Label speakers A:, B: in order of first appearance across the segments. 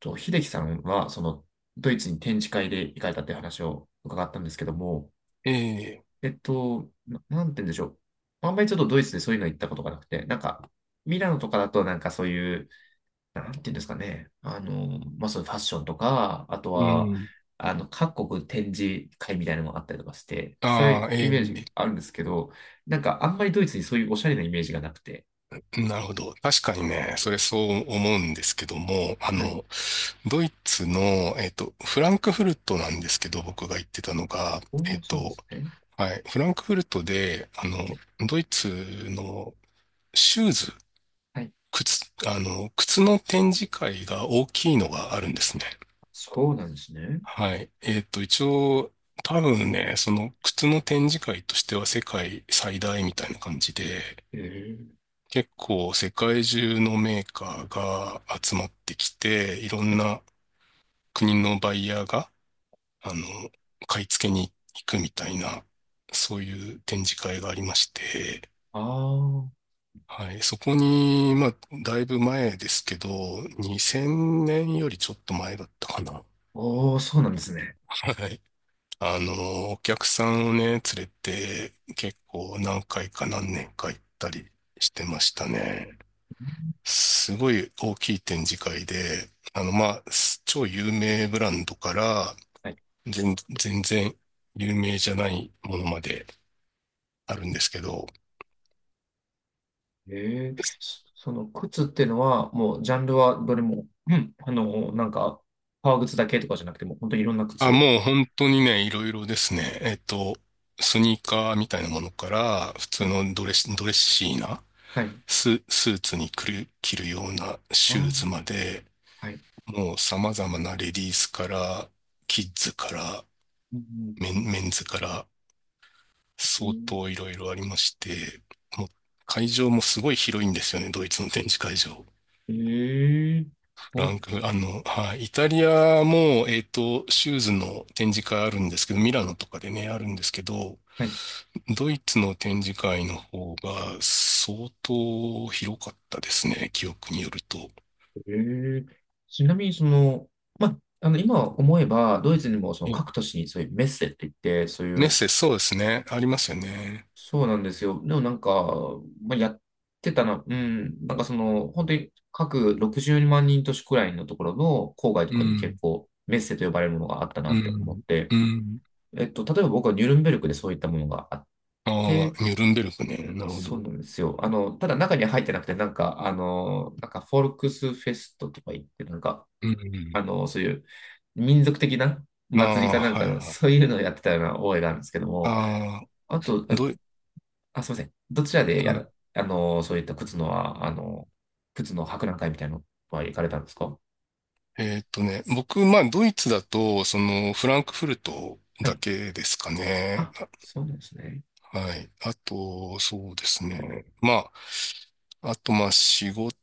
A: と、秀樹さんは、ドイツに展示会で行かれたっていう話を伺ったんですけども、
B: ええ、
A: なんて言うんでしょう。あんまりちょっとドイツでそういうの行ったことがなくて、ミラノとかだとなんかそういう、なんて言うんですかね。そういうファッションとか、あと
B: う
A: は、
B: ん。
A: 各国展示会みたいなのがあったりとかして、そうい
B: あ
A: う
B: あ、
A: イ
B: え
A: メージあるんですけど、なんかあんまりドイツにそういうおしゃれなイメージがなくて。
B: え、なるほど。確かにね、それそう思うんですけども、
A: はい。
B: ドイツの、フランクフルトなんですけど、僕が言ってたのが、
A: お
B: えっ
A: ー、そうなんで
B: と、
A: すね。
B: はい、フランクフルトで、ドイツのシューズ、
A: はい。
B: 靴、靴の展示会が大きいのがあるんですね。
A: そうなんですね。
B: はい。えっと、一応、多分ね、その靴の展示会としては世界最大みたいな感じで、
A: ええ。
B: 結構世界中のメーカーが集まってきて、いろんな国のバイヤーが、あの、買い付けに行くみたいな、そういう展示会がありまして、
A: ああ。
B: はい、そこに、まあ、だいぶ前ですけど、2000年よりちょっと前だったかな。
A: おー、そうなんですね。
B: はい。お客さんをね、連れて、結構何回か何年か行ったりしてましたね。すごい大きい展示会で、まあ、超有名ブランドから、
A: はい。
B: 全然有名じゃないものまであるんですけど、
A: ええ、そその靴っていうのは、もうジャンルはどれも、うん、革靴だけとかじゃなくても、本当にいろんな靴
B: あ、
A: を。
B: もう本当にね、いろいろですね。スニーカーみたいなものから、普
A: は
B: 通
A: い。
B: のドレス、ドレッシーな
A: はい。
B: スーツに着るような
A: あ
B: シュー
A: ー
B: ズまで、
A: はい。
B: もう様々なレディースから、キッズから、
A: うん
B: メンズから、
A: う
B: 相
A: ん
B: 当いろいろありまして、もう会場もすごい広いんですよね、ドイツの展示会場。
A: えーえ、そうな
B: ラ
A: ん
B: ン
A: です
B: ク、あ
A: ね。
B: の、はい、イタリアも、シューズの展示会あるんですけど、ミラノとかでね、あるんですけど、
A: はい。
B: ドイツの展示会の方が相当広かったですね、記憶によると。
A: ええ、ちなみに、その、ま、あの、今思えば、ドイツにも、その各
B: え
A: 都市にそういうメッセって言って、そうい
B: メッ
A: う、
B: セ、そうですね、ありますよね。
A: そうなんですよ。でもなんか、まあ、やってたな、うん、本当に各60万人都市くらいのところの郊外と
B: う
A: かに結
B: ん、
A: 構メッセと呼ばれるものがあったな
B: う
A: って思っ
B: ん、
A: て、
B: うん。
A: えっと、例えば僕はニュルンベルクでそういったものがあっ
B: あ
A: て、
B: あ、ニュルンベルクね、なるほ
A: そう
B: ど。
A: なんですよ。あの、ただ中には入ってなくて、フォルクスフェストとか言って、
B: うん、
A: そういう民族的な
B: あ
A: 祭り
B: あ、
A: かなんか
B: はい
A: の、
B: はい。
A: そういうのをやってたような覚えがあるんですけども、
B: あ
A: あと、
B: あ、どイ、
A: あ、すいません。どちらで
B: ま
A: や
B: あ
A: る、そういった靴のは、靴の博覧会みたいなのは行かれたんですか？
B: えーっとね、僕、まあ、ドイツだと、その、フランクフルト
A: は
B: だ
A: い。
B: けですかね。
A: あ、そうなんですね。
B: あはい。あと、そうですね。まあ、あと、まあ、仕事、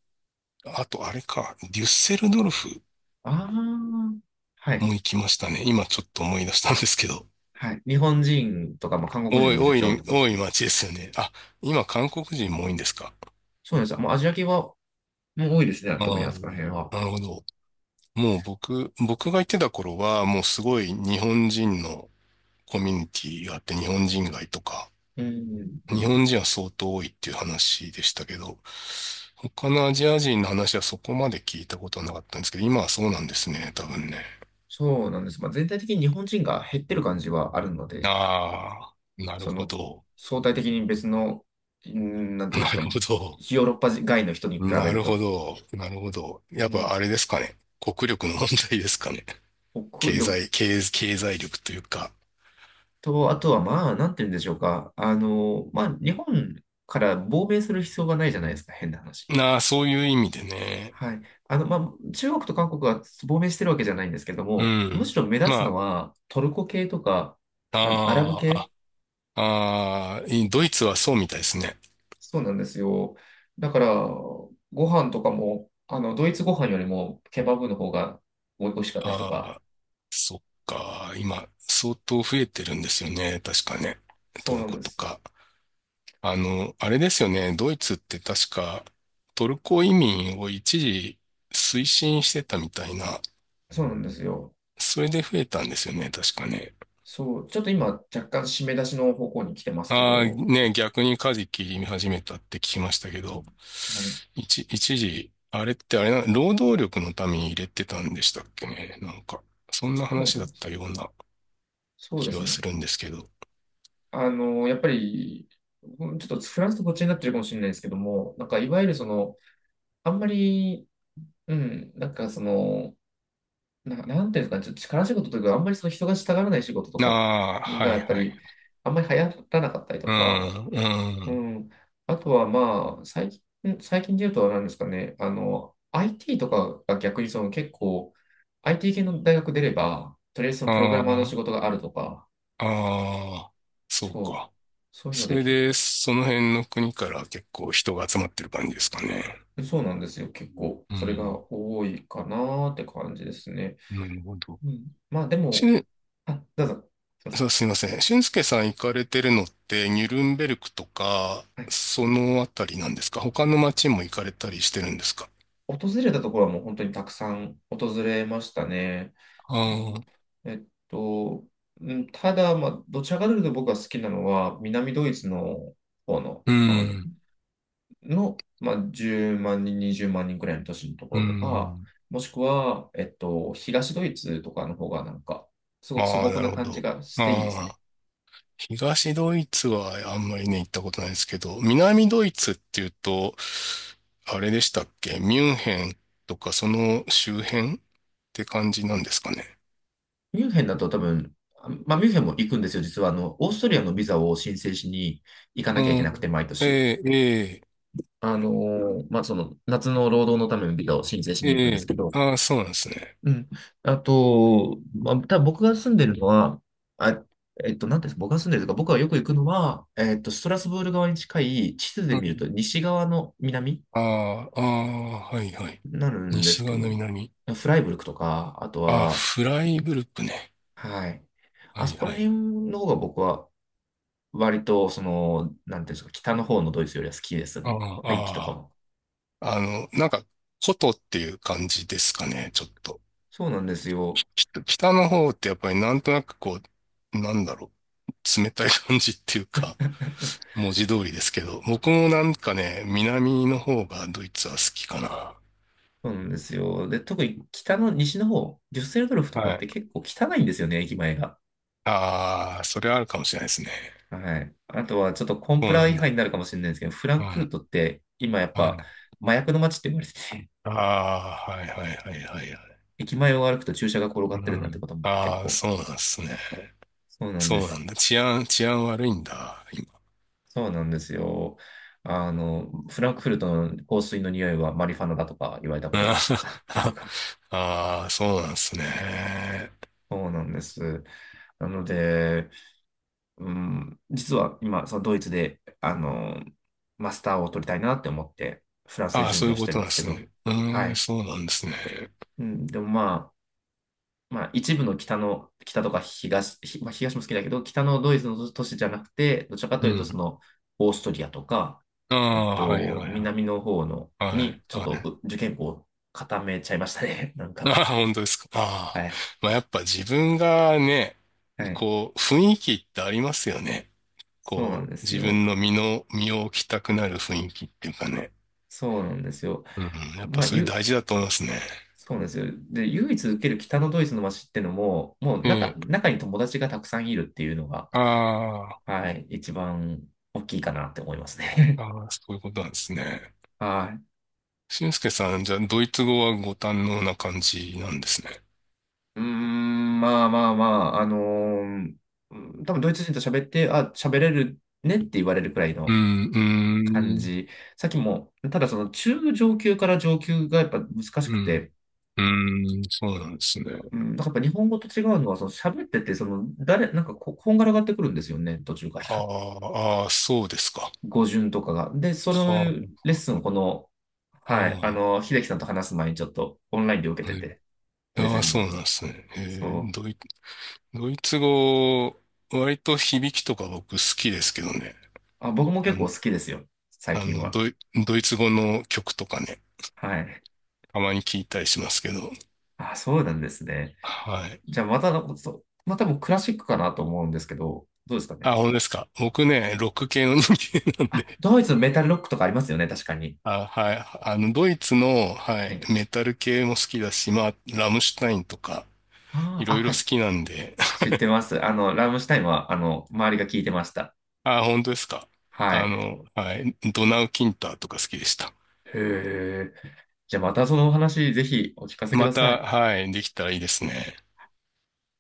B: あと、あれか、デュッセルドルフ
A: ああ、はい。
B: も行きましたね。今、ちょっと思い出したんですけど。
A: はい。日本人とか、まあ、韓国人
B: 多
A: が
B: い、
A: めちゃ
B: 多
A: くちゃ多いと
B: い、
A: ころで
B: 多
A: す
B: い
A: ね。
B: 街ですよね。あ、今、韓国人も多いんですか。
A: そうなんですよ。もうアジア系はもう多いですね。特に
B: あ
A: あそこ
B: ー
A: ら辺は。
B: なるほど。もう僕が行ってた頃は、もうすごい日本人のコミュニティがあって、日本人街とか、
A: うん、う
B: 日本
A: ん。
B: 人は相当多いっていう話でしたけど、他のアジア人の話はそこまで聞いたことはなかったんですけど、今はそうなんですね、多分ね。
A: そうなんです。まあ、全体的に日本人が減ってる感じはあるので、
B: ああ、なる
A: そ
B: ほ
A: の、
B: ど。
A: 相対的に別の、うん、なんて
B: な
A: いうんです
B: る
A: か、
B: ほど。
A: ヨーロッパ外の人に比べ
B: な
A: る
B: るほ
A: と、
B: ど。なるほど。やっ
A: う
B: ぱ
A: ん、
B: あれですかね。国力の問題ですかね。
A: 国力
B: 経済力というか。
A: と、あとはまあ、なんて言うんでしょうか。日本から亡命する必要がないじゃないですか、変な話。
B: なあ、そういう意味でね。
A: はい。あの、まあ、中国と韓国が亡命してるわけじゃないんですけど
B: う
A: も、むし
B: ん。
A: ろ目立つ
B: ま
A: のはトルコ系とか、あの、アラブ
B: あ、
A: 系。
B: ああ、ドイツはそうみたいですね。
A: そうなんですよ。だから、ご飯とかも、あの、ドイツご飯よりもケバブの方が美味しかったりとか。
B: あそっか。今、相当増えてるんですよね。確かね。ト
A: そう
B: ル
A: なん
B: コ
A: で
B: と
A: す。
B: か。あの、あれですよね。ドイツって確かトルコ移民を一時推進してたみたいな。
A: そうなんですよ。
B: それで増えたんですよね。確かね。
A: そう、ちょっと今、若干締め出しの方向に来てますけ
B: ああ、
A: ど、
B: ね、逆にカジキ見始めたって聞きましたけど。
A: はい。
B: 一時、あれってあれな、労働力のために入れてたんでしたっけね。なんか、そん
A: そ
B: な
A: うだ
B: 話
A: と
B: だ
A: 思
B: っ
A: う
B: たような
A: そうで
B: 気
A: す
B: はす
A: ね。
B: るんですけど。
A: あの、やっぱり、うんちょっとフランスとこっちになってるかもしれないですけども、なんかいわゆるその、あんまり、うん、なんかその、な、なんていうんですかね、ちょっと力仕事というか、あんまりその人がしたがらない仕事とか
B: ああ、は
A: が、
B: い
A: やっぱ
B: はいはい
A: り、あんまり流行らなかったり
B: う
A: とか、
B: ん、
A: う
B: ん、
A: ん、あとはまあ、最近で言うと何ですかね、あの、IT とかが逆にその結構、IT 系の大学出れば、とりあえずそのプログ
B: あ
A: ラマーの
B: あ
A: 仕事があるとか、
B: ああそう
A: そう、
B: か。
A: そういうの
B: そ
A: で
B: れ
A: 結
B: で、
A: 構、
B: その辺の国から結構人が集まってる感じですかね。
A: そうなんですよ。結構、
B: う
A: それ
B: ん、
A: が多いかなーって感じですね。
B: なるほど。
A: うん。まあで
B: し
A: も、
B: ん、
A: あ、どうぞ、すいませ
B: そ
A: ん。
B: うすいません。俊介さん行かれてるのって、ニュルンベルクとか、
A: はい。
B: そのあたりなんですか？他の街も行かれたりしてるんですか？
A: 訪れたところはもう本当にたくさん訪れましたね。
B: あ
A: う
B: あ
A: ん
B: ー、
A: えっと、うんただ、まあ、どちらかというと僕が好きなのは、南ドイツの方の、
B: う
A: あの、
B: ん、
A: の、まあ、10万人、20万人くらいの都市のとこ
B: う
A: ろとか、
B: ん。
A: もしくは、えっと、東ドイツとかの方がなんか、すごく素
B: まあ、
A: 朴
B: な
A: な
B: るほ
A: 感じ
B: ど。
A: がしていいです
B: あ
A: ね。
B: あ。東ドイツはあんまりね、行ったことないですけど、南ドイツっていうと、あれでしたっけ？ミュンヘンとかその周辺って感じなんですかね。
A: ミュンヘンだと多分、あまあ、ミュンヘンも行くんですよ、実は。あの、オーストリアのビザを申請しに行か
B: う
A: なきゃいけなくて、
B: ん。
A: 毎年。
B: ええ、
A: まあ、その、夏の労働のためのビザを申請し
B: え
A: に
B: え、
A: 行くん
B: え
A: です
B: え。
A: けど。
B: ああ、そうなんですね。
A: うん。あと、まあ、多分僕が住んでるのは、あ、なんていうんですか、僕が住んでるとか、僕がよく行くのは、えっと、ストラスブール側に近い、地図で
B: う
A: 見ると
B: ん。
A: 西側の南
B: ああ、ああ、はいはい。
A: になるんです
B: 西
A: け
B: 側の
A: ど、
B: 南。
A: フライブルクとか、あと
B: ああ、
A: は、
B: フライブルクね。
A: はい。
B: は
A: あ
B: い
A: そこら
B: はい。
A: 辺の方が僕は割と、その、なんていうんですか、北の方のドイツよりは好きです
B: あ
A: ね。雰囲気と
B: あ、
A: か
B: あ
A: も。
B: あ。あの、なんか、古都っていう感じですかね、ちょっと。
A: そうなんです
B: ち
A: よ。
B: ょっと北の方ってやっぱりなんとなくう、なんだろ冷たい感じっていうか、文字通りですけど、僕もなんかね、南の方がドイツは好きかな。
A: そうなんですよ。で、特に北の西の方、デュッセルドルフとか
B: は
A: っ
B: い。
A: て結構汚いんですよね、駅前が。
B: ああ、それあるかもしれないですね。
A: はい。あとはちょっとコン
B: そ
A: プ
B: うな
A: ラ
B: ん
A: 違反
B: だ。
A: になるかもしれないですけど、フラ
B: うん。
A: ンクフ
B: は
A: ル
B: い。
A: トって今やっぱ麻薬の街って言われてて、
B: ああ、はいはいはいはいはい。
A: 駅前を歩くと注射が転が
B: う
A: ってるなんて
B: ん。
A: ことも結
B: ああ、
A: 構。
B: そうなんですね。
A: そうなんで
B: そうな
A: す。
B: んだ。治安悪いんだ、今。
A: そうなんですよ。あの、フランクフルトの香水の匂いはマリファナだとか言われたこと
B: あ
A: があったりと
B: ー
A: か。
B: あー、そうなんですね。
A: そうなんです。なので、うん、実は今、そのドイツで、あの、マスターを取りたいなって思って、フランスで
B: ああ、
A: 準
B: そう
A: 備
B: いう
A: をし
B: こ
A: てる
B: と
A: ん
B: な
A: で
B: んで
A: すけ
B: す
A: ど、
B: ね。う
A: は
B: ーん、
A: い。
B: そうなんですね。
A: うん、でもあ、一部の北の、北とか東、ひまあ、東も好きだけど、北のドイツの都市じゃなくて、どちらかと
B: う
A: いうと、そ
B: ん。
A: の、オーストリアとか、
B: あ
A: えっ
B: あ、はいは
A: と、
B: いは
A: 南の方の、
B: い。はい、
A: に、ちょっと
B: はい。
A: う受験校を固めちゃいましたね。なんか。
B: ああ、本当ですか。
A: は
B: ああ。
A: い。
B: まあ、やっぱ自分がね、
A: はい。
B: こう、雰囲気ってありますよね。
A: そうなん
B: こ
A: で
B: う、
A: す
B: 自
A: よ。
B: 分の身の、身を置きたくなる雰囲気っていうかね。
A: そうなんですよ。
B: うん、やっぱ
A: まあ、
B: それ
A: ゆ
B: 大事だと思いますね。
A: そうなんですよ。で、唯一受ける北のドイツの街ってのも、もう
B: え
A: 中、
B: え。
A: 中に友達がたくさんいるっていうのが、
B: あ
A: はい、一番大きいかなって思います
B: あ、
A: ね。
B: ああ、そういうことなんですね。
A: はい。
B: 俊介さん、じゃあ、ドイツ語はご堪能な感じなんですね。
A: うーん、まあまあまあ、うん多分ドイツ人と喋って、あ、喋れるねって言われるくらい
B: う
A: の
B: ん、
A: 感
B: うん、
A: じ。さっきも、ただその中上級から上級がやっぱ難し
B: う
A: く
B: ん、
A: て、
B: うん、そうなんですね。
A: うん、なんかやっぱ日本語と違うのは、その喋ってて、その誰、なんかこ、こんがらがってくるんですよね、途中か
B: あ
A: ら。
B: あ、ああ、そうですか。
A: 語順とかが。で、そのレ
B: は
A: ッスンをこの、
B: あ、
A: はい、あ
B: は
A: の、秀樹さんと話す前にちょっとオンラインで受
B: あ、
A: けて
B: はい。
A: て、ドイ
B: あ
A: ツ
B: あ、
A: 人
B: そう
A: の。
B: なんですね。ー
A: そう。
B: ドイ、ドイツ語、割と響きとか僕好きですけどね。
A: あ、僕も
B: あ
A: 結構
B: の、
A: 好きですよ、最
B: あ
A: 近
B: の
A: は。
B: ドイ、ドイツ語の曲とかね、
A: はい。
B: たまに聞いたりしますけど。
A: あ、そうなんですね。
B: はい。
A: じゃあまた、そうまあ多分クラシックかなと思うんですけど、どうですかね。
B: あ、本当ですか。僕ね、ロック系の人間なんで。
A: ドイツのメタルロックとかありますよね、確かに。
B: あ、はい。あの、ドイツの、は
A: は
B: い、
A: い。
B: メタル系も好きだし、まあ、ラムシュタインとか、
A: あ
B: い
A: ーあ、
B: ろいろ
A: は
B: 好
A: い。
B: きなんで。
A: 知ってます。あの、ラムシュタインは、あの、周りが聞いてました。
B: あ、本当ですか。
A: は
B: あ
A: い。
B: の、はい、ドナウ・キンターとか好きでした。
A: へえ。じゃあまたそのお話、ぜひお聞かせく
B: ま
A: ださ
B: た、
A: い。
B: はい、できたらいいですね。